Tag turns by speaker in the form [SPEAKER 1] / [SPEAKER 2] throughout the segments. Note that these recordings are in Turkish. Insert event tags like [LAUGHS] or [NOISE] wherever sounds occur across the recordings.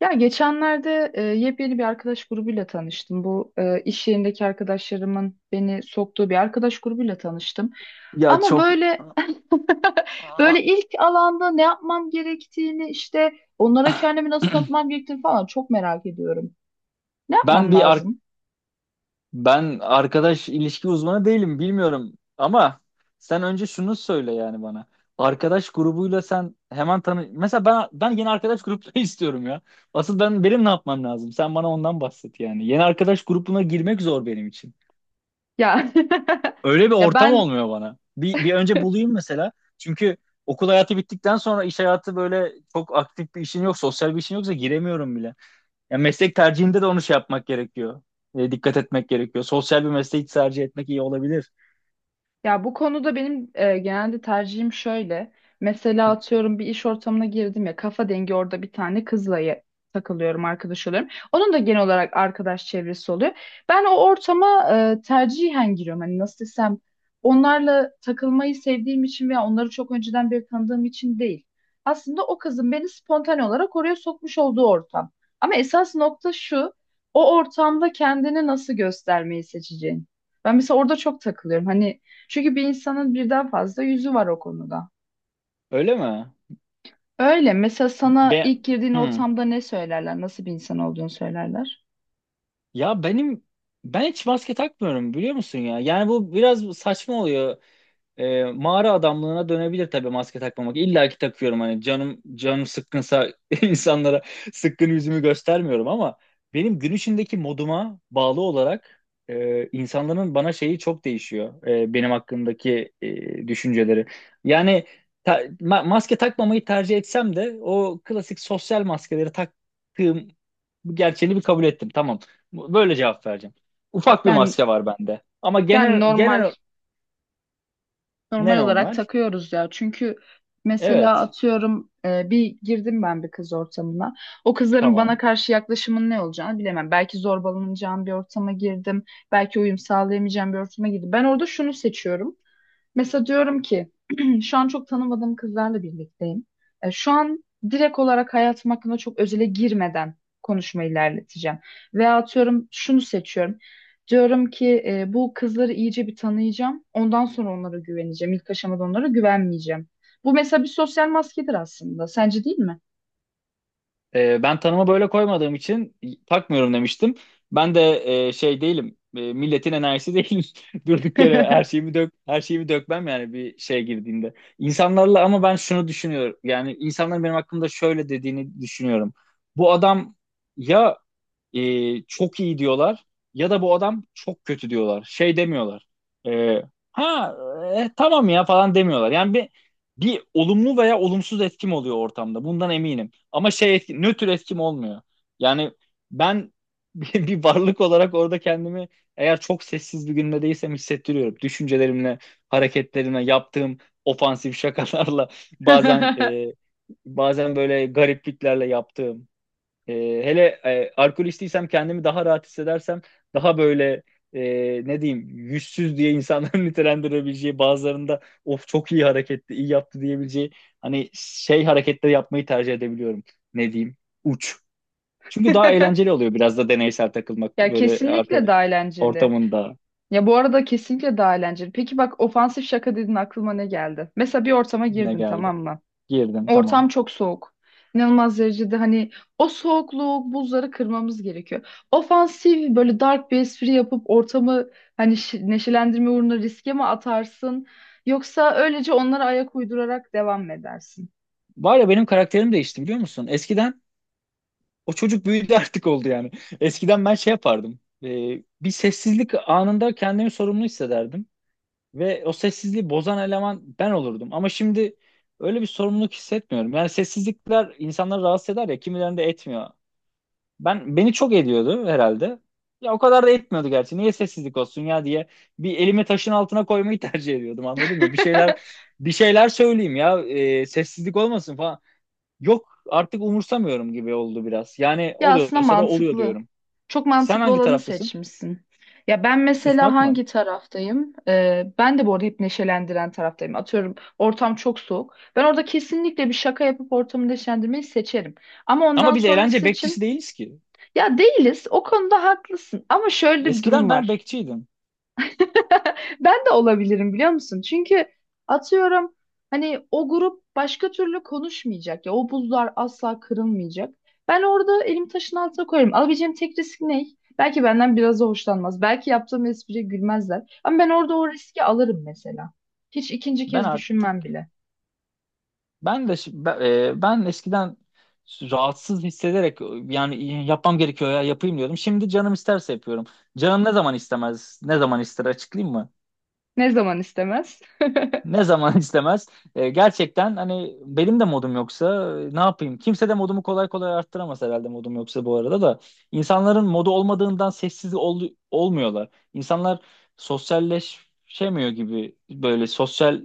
[SPEAKER 1] Ya geçenlerde yepyeni bir arkadaş grubuyla tanıştım. Bu iş yerindeki arkadaşlarımın beni soktuğu bir arkadaş grubuyla tanıştım.
[SPEAKER 2] Ya
[SPEAKER 1] Ama
[SPEAKER 2] çok
[SPEAKER 1] böyle [LAUGHS] böyle ilk alanda ne yapmam gerektiğini işte onlara kendimi nasıl tanıtmam gerektiğini falan çok merak ediyorum. Ne
[SPEAKER 2] ben
[SPEAKER 1] yapmam
[SPEAKER 2] bir ar-
[SPEAKER 1] lazım?
[SPEAKER 2] ben arkadaş ilişki uzmanı değilim bilmiyorum ama sen önce şunu söyle yani bana. Arkadaş grubuyla sen hemen tanı mesela ben yeni arkadaş grupları [LAUGHS] istiyorum ya. Asıl benim ne yapmam lazım? Sen bana ondan bahset yani. Yeni arkadaş grubuna girmek zor benim için.
[SPEAKER 1] Ya [LAUGHS]
[SPEAKER 2] Öyle bir
[SPEAKER 1] ya
[SPEAKER 2] ortam
[SPEAKER 1] ben.
[SPEAKER 2] olmuyor bana. Bir önce bulayım mesela. Çünkü okul hayatı bittikten sonra iş hayatı böyle çok aktif bir işin yok, sosyal bir işin yoksa giremiyorum bile. Ya meslek tercihinde de onu şey yapmak gerekiyor. Dikkat etmek gerekiyor. Sosyal bir mesleği tercih etmek iyi olabilir.
[SPEAKER 1] Ya bu konuda benim genelde tercihim şöyle. Mesela atıyorum bir iş ortamına girdim ya kafa dengi orada bir tane kızla takılıyorum, arkadaş oluyorum. Onun da genel olarak arkadaş çevresi oluyor. Ben o ortama tercihen giriyorum. Hani nasıl desem, onlarla takılmayı sevdiğim için veya onları çok önceden beri tanıdığım için değil. Aslında o kızın beni spontane olarak oraya sokmuş olduğu ortam. Ama esas nokta şu, o ortamda kendini nasıl göstermeyi seçeceğin. Ben mesela orada çok takılıyorum. Hani, çünkü bir insanın birden fazla yüzü var o konuda.
[SPEAKER 2] Öyle mi?
[SPEAKER 1] Öyle. Mesela sana ilk
[SPEAKER 2] Ben
[SPEAKER 1] girdiğin
[SPEAKER 2] hmm.
[SPEAKER 1] ortamda ne söylerler? Nasıl bir insan olduğunu söylerler?
[SPEAKER 2] Ya ben hiç maske takmıyorum biliyor musun ya? Yani bu biraz saçma oluyor. Mağara adamlığına dönebilir tabii maske takmamak. İlla ki takıyorum hani canım sıkkınsa [LAUGHS] insanlara sıkkın yüzümü göstermiyorum ama benim gün içindeki moduma bağlı olarak insanların bana şeyi çok değişiyor. Benim hakkındaki düşünceleri. Yani maske takmamayı tercih etsem de o klasik sosyal maskeleri taktığım gerçeğini bir kabul ettim. Tamam. Böyle cevap vereceğim. Ufak bir
[SPEAKER 1] Yani
[SPEAKER 2] maske var bende. Ama
[SPEAKER 1] yani
[SPEAKER 2] genel
[SPEAKER 1] normal
[SPEAKER 2] genel
[SPEAKER 1] normal
[SPEAKER 2] ne
[SPEAKER 1] olarak
[SPEAKER 2] normal?
[SPEAKER 1] takıyoruz ya. Çünkü mesela
[SPEAKER 2] Evet,
[SPEAKER 1] atıyorum, bir girdim ben bir kız ortamına. O kızların
[SPEAKER 2] tamam.
[SPEAKER 1] bana karşı yaklaşımın ne olacağını bilemem. Belki zorbalanacağım bir ortama girdim. Belki uyum sağlayamayacağım bir ortama girdim. Ben orada şunu seçiyorum. Mesela diyorum ki [CLEARS THROAT] şu an çok tanımadığım kızlarla birlikteyim. Şu an direkt olarak hayatım hakkında çok özele girmeden konuşmayı ilerleteceğim. Veya atıyorum şunu seçiyorum. Diyorum ki bu kızları iyice bir tanıyacağım. Ondan sonra onlara güveneceğim. İlk aşamada onlara güvenmeyeceğim. Bu mesela bir sosyal maskedir aslında. Sence değil mi?
[SPEAKER 2] Ben tanıma böyle koymadığım için takmıyorum demiştim. Ben de şey değilim, milletin enerjisi değilim. [LAUGHS] Durduk yere her
[SPEAKER 1] [LAUGHS]
[SPEAKER 2] şeyimi dök, her şeyimi dökmem yani bir şey girdiğinde. İnsanlarla ama ben şunu düşünüyorum. Yani insanların benim hakkımda şöyle dediğini düşünüyorum. Bu adam ya çok iyi diyorlar ya da bu adam çok kötü diyorlar. Şey demiyorlar. E, ha tamam ya falan demiyorlar. Yani bir olumlu veya olumsuz etkim oluyor ortamda. Bundan eminim. Ama şey etki, nötr etkim olmuyor. Yani ben [LAUGHS] bir varlık olarak orada kendimi eğer çok sessiz bir günde değilsem hissettiriyorum. Düşüncelerimle, hareketlerimle, yaptığım ofansif şakalarla [LAUGHS] bazen
[SPEAKER 1] [LAUGHS]
[SPEAKER 2] bazen böyle garipliklerle yaptığım e, alkolistiysem kendimi daha rahat hissedersem daha böyle e, ne diyeyim yüzsüz diye insanların [LAUGHS] nitelendirebileceği bazılarında of çok iyi hareketti, iyi yaptı diyebileceği hani şey hareketleri yapmayı tercih edebiliyorum. Ne diyeyim? Uç. Çünkü daha eğlenceli oluyor biraz da deneysel takılmak
[SPEAKER 1] Ya
[SPEAKER 2] böyle
[SPEAKER 1] kesinlikle
[SPEAKER 2] arkadaş
[SPEAKER 1] daha eğlenceli.
[SPEAKER 2] ortamında
[SPEAKER 1] Ya bu arada kesinlikle daha eğlenceli. Peki bak, ofansif şaka dedin, aklıma ne geldi? Mesela bir ortama
[SPEAKER 2] ne
[SPEAKER 1] girdin,
[SPEAKER 2] geldi.
[SPEAKER 1] tamam mı?
[SPEAKER 2] Girdim tamam.
[SPEAKER 1] Ortam çok soğuk. İnanılmaz derecede, hani o soğukluğu, buzları kırmamız gerekiyor. Ofansif böyle dark bir espri yapıp ortamı hani neşelendirme uğruna riske mi atarsın? Yoksa öylece onlara ayak uydurarak devam mı edersin?
[SPEAKER 2] Var ya benim karakterim değişti biliyor musun? Eskiden o çocuk büyüdü artık oldu yani. Eskiden ben şey yapardım. Bir sessizlik anında kendimi sorumlu hissederdim. Ve o sessizliği bozan eleman ben olurdum. Ama şimdi öyle bir sorumluluk hissetmiyorum. Yani sessizlikler insanları rahatsız eder ya kimilerinde etmiyor. Ben beni çok ediyordu herhalde. Ya o kadar da etmiyordu gerçi. Niye sessizlik olsun ya diye bir elimi taşın altına koymayı [LAUGHS] tercih ediyordum anladın mı? Bir şeyler
[SPEAKER 1] [LAUGHS]
[SPEAKER 2] bir şeyler söyleyeyim ya sessizlik olmasın falan. Yok artık umursamıyorum gibi oldu biraz. Yani
[SPEAKER 1] Ya aslında
[SPEAKER 2] oluyorsa da oluyor
[SPEAKER 1] mantıklı.
[SPEAKER 2] diyorum.
[SPEAKER 1] Çok
[SPEAKER 2] Sen
[SPEAKER 1] mantıklı
[SPEAKER 2] hangi
[SPEAKER 1] olanı
[SPEAKER 2] taraftasın?
[SPEAKER 1] seçmişsin. Ya ben mesela
[SPEAKER 2] Susmak mı?
[SPEAKER 1] hangi taraftayım? Ben de bu arada hep neşelendiren taraftayım. Atıyorum ortam çok soğuk. Ben orada kesinlikle bir şaka yapıp ortamı neşelendirmeyi seçerim. Ama
[SPEAKER 2] Ama
[SPEAKER 1] ondan
[SPEAKER 2] biz eğlence
[SPEAKER 1] sonrası
[SPEAKER 2] bekçisi
[SPEAKER 1] için,
[SPEAKER 2] değiliz ki.
[SPEAKER 1] ya değiliz. O konuda haklısın. Ama şöyle bir
[SPEAKER 2] Eskiden
[SPEAKER 1] durum
[SPEAKER 2] ben
[SPEAKER 1] var.
[SPEAKER 2] bekçiydim.
[SPEAKER 1] [LAUGHS] Ben de olabilirim, biliyor musun? Çünkü atıyorum, hani o grup başka türlü konuşmayacak ya, o buzlar asla kırılmayacak. Ben orada elim taşın altına koyarım. Alabileceğim tek risk ne? Belki benden biraz da hoşlanmaz. Belki yaptığım espriye gülmezler. Ama ben orada o riski alırım mesela. Hiç ikinci
[SPEAKER 2] Ben
[SPEAKER 1] kez
[SPEAKER 2] artık
[SPEAKER 1] düşünmem bile.
[SPEAKER 2] ben de şi- ben, e, Ben eskiden rahatsız hissederek yani yapmam gerekiyor ya yapayım diyordum. Şimdi canım isterse yapıyorum. Canım ne zaman istemez, ne zaman ister açıklayayım mı?
[SPEAKER 1] Ne zaman istemez?
[SPEAKER 2] Ne zaman [LAUGHS] istemez. Gerçekten hani benim de modum yoksa ne yapayım? Kimse de modumu kolay kolay arttıramaz herhalde modum yoksa bu arada da. İnsanların modu olmadığından olmuyorlar. İnsanlar sosyalleşemiyor gibi böyle sosyal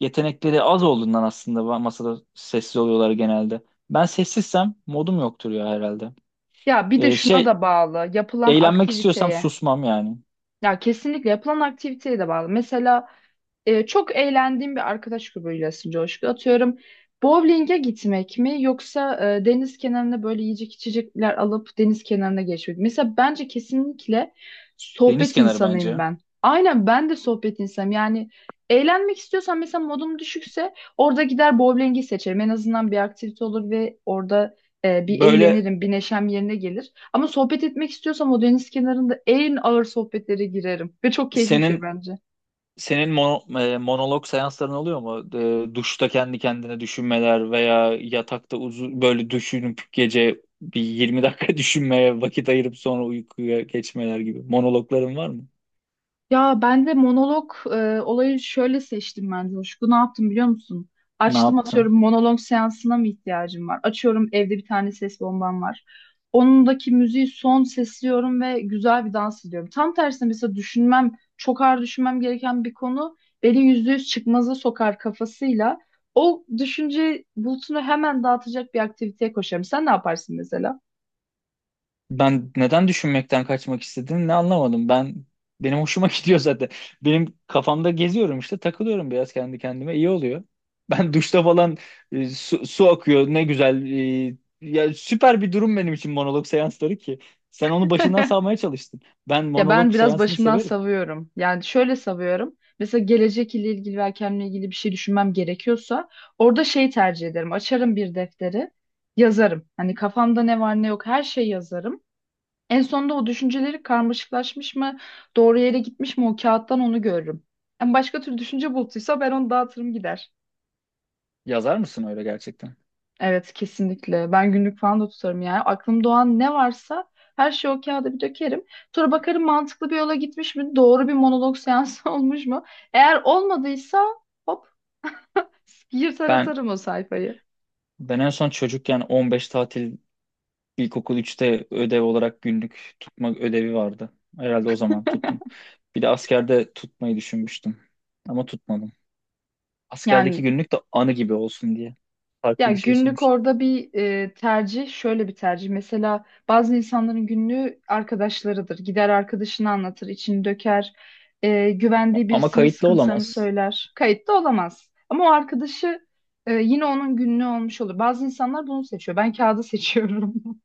[SPEAKER 2] yetenekleri az olduğundan aslında masada sessiz oluyorlar genelde. Ben sessizsem modum yoktur ya herhalde.
[SPEAKER 1] Ya bir de
[SPEAKER 2] E,
[SPEAKER 1] şuna
[SPEAKER 2] şey
[SPEAKER 1] da bağlı. Yapılan
[SPEAKER 2] Eğlenmek istiyorsam
[SPEAKER 1] aktiviteye.
[SPEAKER 2] susmam yani.
[SPEAKER 1] Ya kesinlikle yapılan aktiviteye de bağlı. Mesela çok eğlendiğim bir arkadaş grubuyla aslında Coşku. Atıyorum bowling'e gitmek mi, yoksa deniz kenarına böyle yiyecek içecekler alıp deniz kenarına geçmek mi? Mesela bence kesinlikle
[SPEAKER 2] Deniz
[SPEAKER 1] sohbet
[SPEAKER 2] kenarı
[SPEAKER 1] insanıyım
[SPEAKER 2] bence.
[SPEAKER 1] ben. Aynen, ben de sohbet insanım. Yani eğlenmek istiyorsan, mesela modum düşükse orada gider bowling'i seçerim. En azından bir aktivite olur ve orada bir
[SPEAKER 2] Böyle
[SPEAKER 1] eğlenirim, bir neşem yerine gelir. Ama sohbet etmek istiyorsam o deniz kenarında en ağır sohbetlere girerim. Ve çok keyifli bir şey
[SPEAKER 2] senin
[SPEAKER 1] bence.
[SPEAKER 2] Senin mono- e, Monolog seansların oluyor mu? Duşta kendi kendine düşünmeler veya yatakta uzun böyle düşünüp gece bir 20 dakika [LAUGHS] düşünmeye vakit ayırıp sonra uykuya geçmeler gibi. Monologların var mı?
[SPEAKER 1] Ya ben de monolog olayı şöyle seçtim ben Coşku. Ne yaptım biliyor musun?
[SPEAKER 2] Ne
[SPEAKER 1] Açtım
[SPEAKER 2] yaptın?
[SPEAKER 1] atıyorum, monolog seansına mı ihtiyacım var? Açıyorum, evde bir tane ses bombam var. Onundaki müziği son sesliyorum ve güzel bir dans ediyorum. Tam tersine mesela düşünmem, çok ağır düşünmem gereken bir konu beni yüzde yüz çıkmaza sokar kafasıyla. O düşünce bulutunu hemen dağıtacak bir aktiviteye koşarım. Sen ne yaparsın mesela?
[SPEAKER 2] Ben neden düşünmekten kaçmak istedim ne anlamadım. Benim hoşuma [LAUGHS] gidiyor zaten. Benim kafamda geziyorum işte takılıyorum biraz kendi kendime iyi oluyor. [LAUGHS] Ben duşta falan su akıyor ne güzel. Ya süper bir durum benim için monolog seansları ki. Sen onu başından savmaya çalıştın. Ben
[SPEAKER 1] Ya
[SPEAKER 2] monolog
[SPEAKER 1] ben biraz
[SPEAKER 2] seansını
[SPEAKER 1] başımdan
[SPEAKER 2] severim.
[SPEAKER 1] savuyorum. Yani şöyle savuyorum. Mesela gelecek ile ilgili ve kendimle ilgili bir şey düşünmem gerekiyorsa orada şey tercih ederim. Açarım bir defteri, yazarım. Hani kafamda ne var ne yok her şeyi yazarım. En sonunda o düşünceleri karmaşıklaşmış mı, doğru yere gitmiş mi, o kağıttan onu görürüm. Yani başka türlü düşünce bulutuysa ben onu dağıtırım gider.
[SPEAKER 2] Yazar mısın öyle gerçekten?
[SPEAKER 1] Evet kesinlikle. Ben günlük falan da tutarım yani. Aklım doğan ne varsa her şeyi o kağıda bir dökerim. Sonra bakarım, mantıklı bir yola gitmiş mi? Doğru bir monolog seansı [LAUGHS] olmuş mu? Eğer olmadıysa hop, yırtar
[SPEAKER 2] Ben
[SPEAKER 1] atarım o sayfayı.
[SPEAKER 2] ben en son çocukken 15 tatil İlkokul üçte ödev olarak günlük tutma ödevi vardı. Herhalde o zaman tuttum. Bir de askerde tutmayı düşünmüştüm. Ama tutmadım. Askerdeki
[SPEAKER 1] Yani,
[SPEAKER 2] günlük de anı gibi olsun diye
[SPEAKER 1] ya
[SPEAKER 2] farklı bir şey
[SPEAKER 1] günlük
[SPEAKER 2] sunmuştum.
[SPEAKER 1] orada bir şöyle bir tercih. Mesela bazı insanların günlüğü arkadaşlarıdır. Gider arkadaşını anlatır, içini döker. Güvendiği
[SPEAKER 2] Ama
[SPEAKER 1] birisinin
[SPEAKER 2] kayıtlı
[SPEAKER 1] sıkıntılarını
[SPEAKER 2] olamaz.
[SPEAKER 1] söyler. Kayıtta olamaz. Ama o arkadaşı yine onun günlüğü olmuş olur. Bazı insanlar bunu seçiyor. Ben kağıdı seçiyorum. [LAUGHS]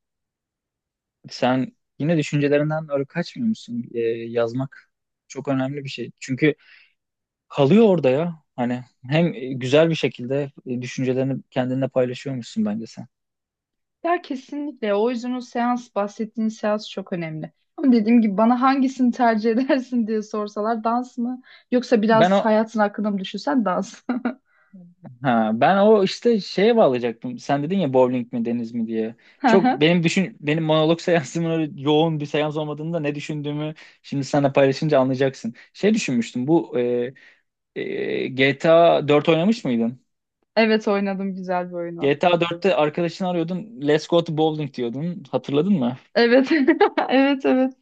[SPEAKER 2] Sen yine düşüncelerinden öyle kaçmıyor musun? Yazmak çok önemli bir şey. Çünkü kalıyor orada ya. Hani hem güzel bir şekilde düşüncelerini kendinle paylaşıyormuşsun bence sen.
[SPEAKER 1] Ya kesinlikle. O yüzden o seans, bahsettiğin seans çok önemli. Ama dediğim gibi, bana hangisini tercih [LAUGHS] edersin diye sorsalar, dans mı? Yoksa
[SPEAKER 2] Ben
[SPEAKER 1] biraz
[SPEAKER 2] o
[SPEAKER 1] hayatın hakkında mı düşünsen, dans.
[SPEAKER 2] Ha, Ben o işte şeye bağlayacaktım. Sen dedin ya bowling mi deniz mi diye. Çok
[SPEAKER 1] [LAUGHS]
[SPEAKER 2] benim düşün benim monolog [LAUGHS] seansımın öyle yoğun bir seans olmadığında ne düşündüğümü şimdi seninle paylaşınca anlayacaksın. Şey düşünmüştüm. GTA 4 oynamış mıydın?
[SPEAKER 1] Evet oynadım, güzel bir oyunu.
[SPEAKER 2] GTA 4'te arkadaşını arıyordun. Let's go to bowling diyordun. Hatırladın mı?
[SPEAKER 1] Evet. [LAUGHS] Evet, evet.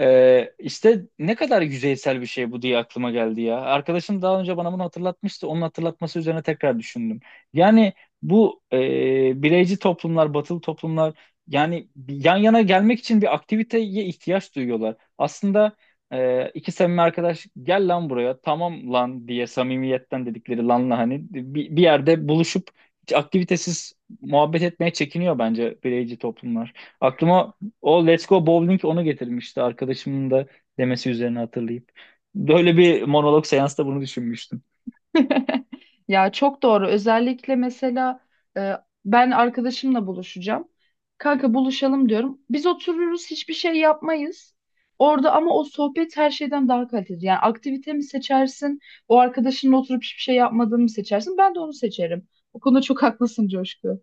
[SPEAKER 2] İşte ne kadar yüzeysel bir şey bu diye aklıma geldi ya. Arkadaşım daha önce bana bunu hatırlatmıştı. Onun hatırlatması üzerine tekrar düşündüm. Yani bireyci toplumlar, batılı toplumlar yani yan yana gelmek için bir aktiviteye ihtiyaç duyuyorlar. Aslında iki samimi arkadaş gel lan buraya tamam lan diye samimiyetten dedikleri lanla hani bir yerde buluşup hiç aktivitesiz muhabbet etmeye çekiniyor bence bireyci toplumlar. Aklıma o Let's Go Bowling onu getirmişti arkadaşımın da demesi üzerine hatırlayıp. Böyle bir monolog seansta bunu düşünmüştüm.
[SPEAKER 1] [LAUGHS] Ya çok doğru. Özellikle mesela e, ben arkadaşımla buluşacağım. Kanka buluşalım diyorum. Biz otururuz, hiçbir şey yapmayız. Orada ama o sohbet her şeyden daha kaliteli. Yani aktivite mi seçersin? O arkadaşınla oturup hiçbir şey yapmadığını mı seçersin? Ben de onu seçerim. O konuda çok haklısın Coşku.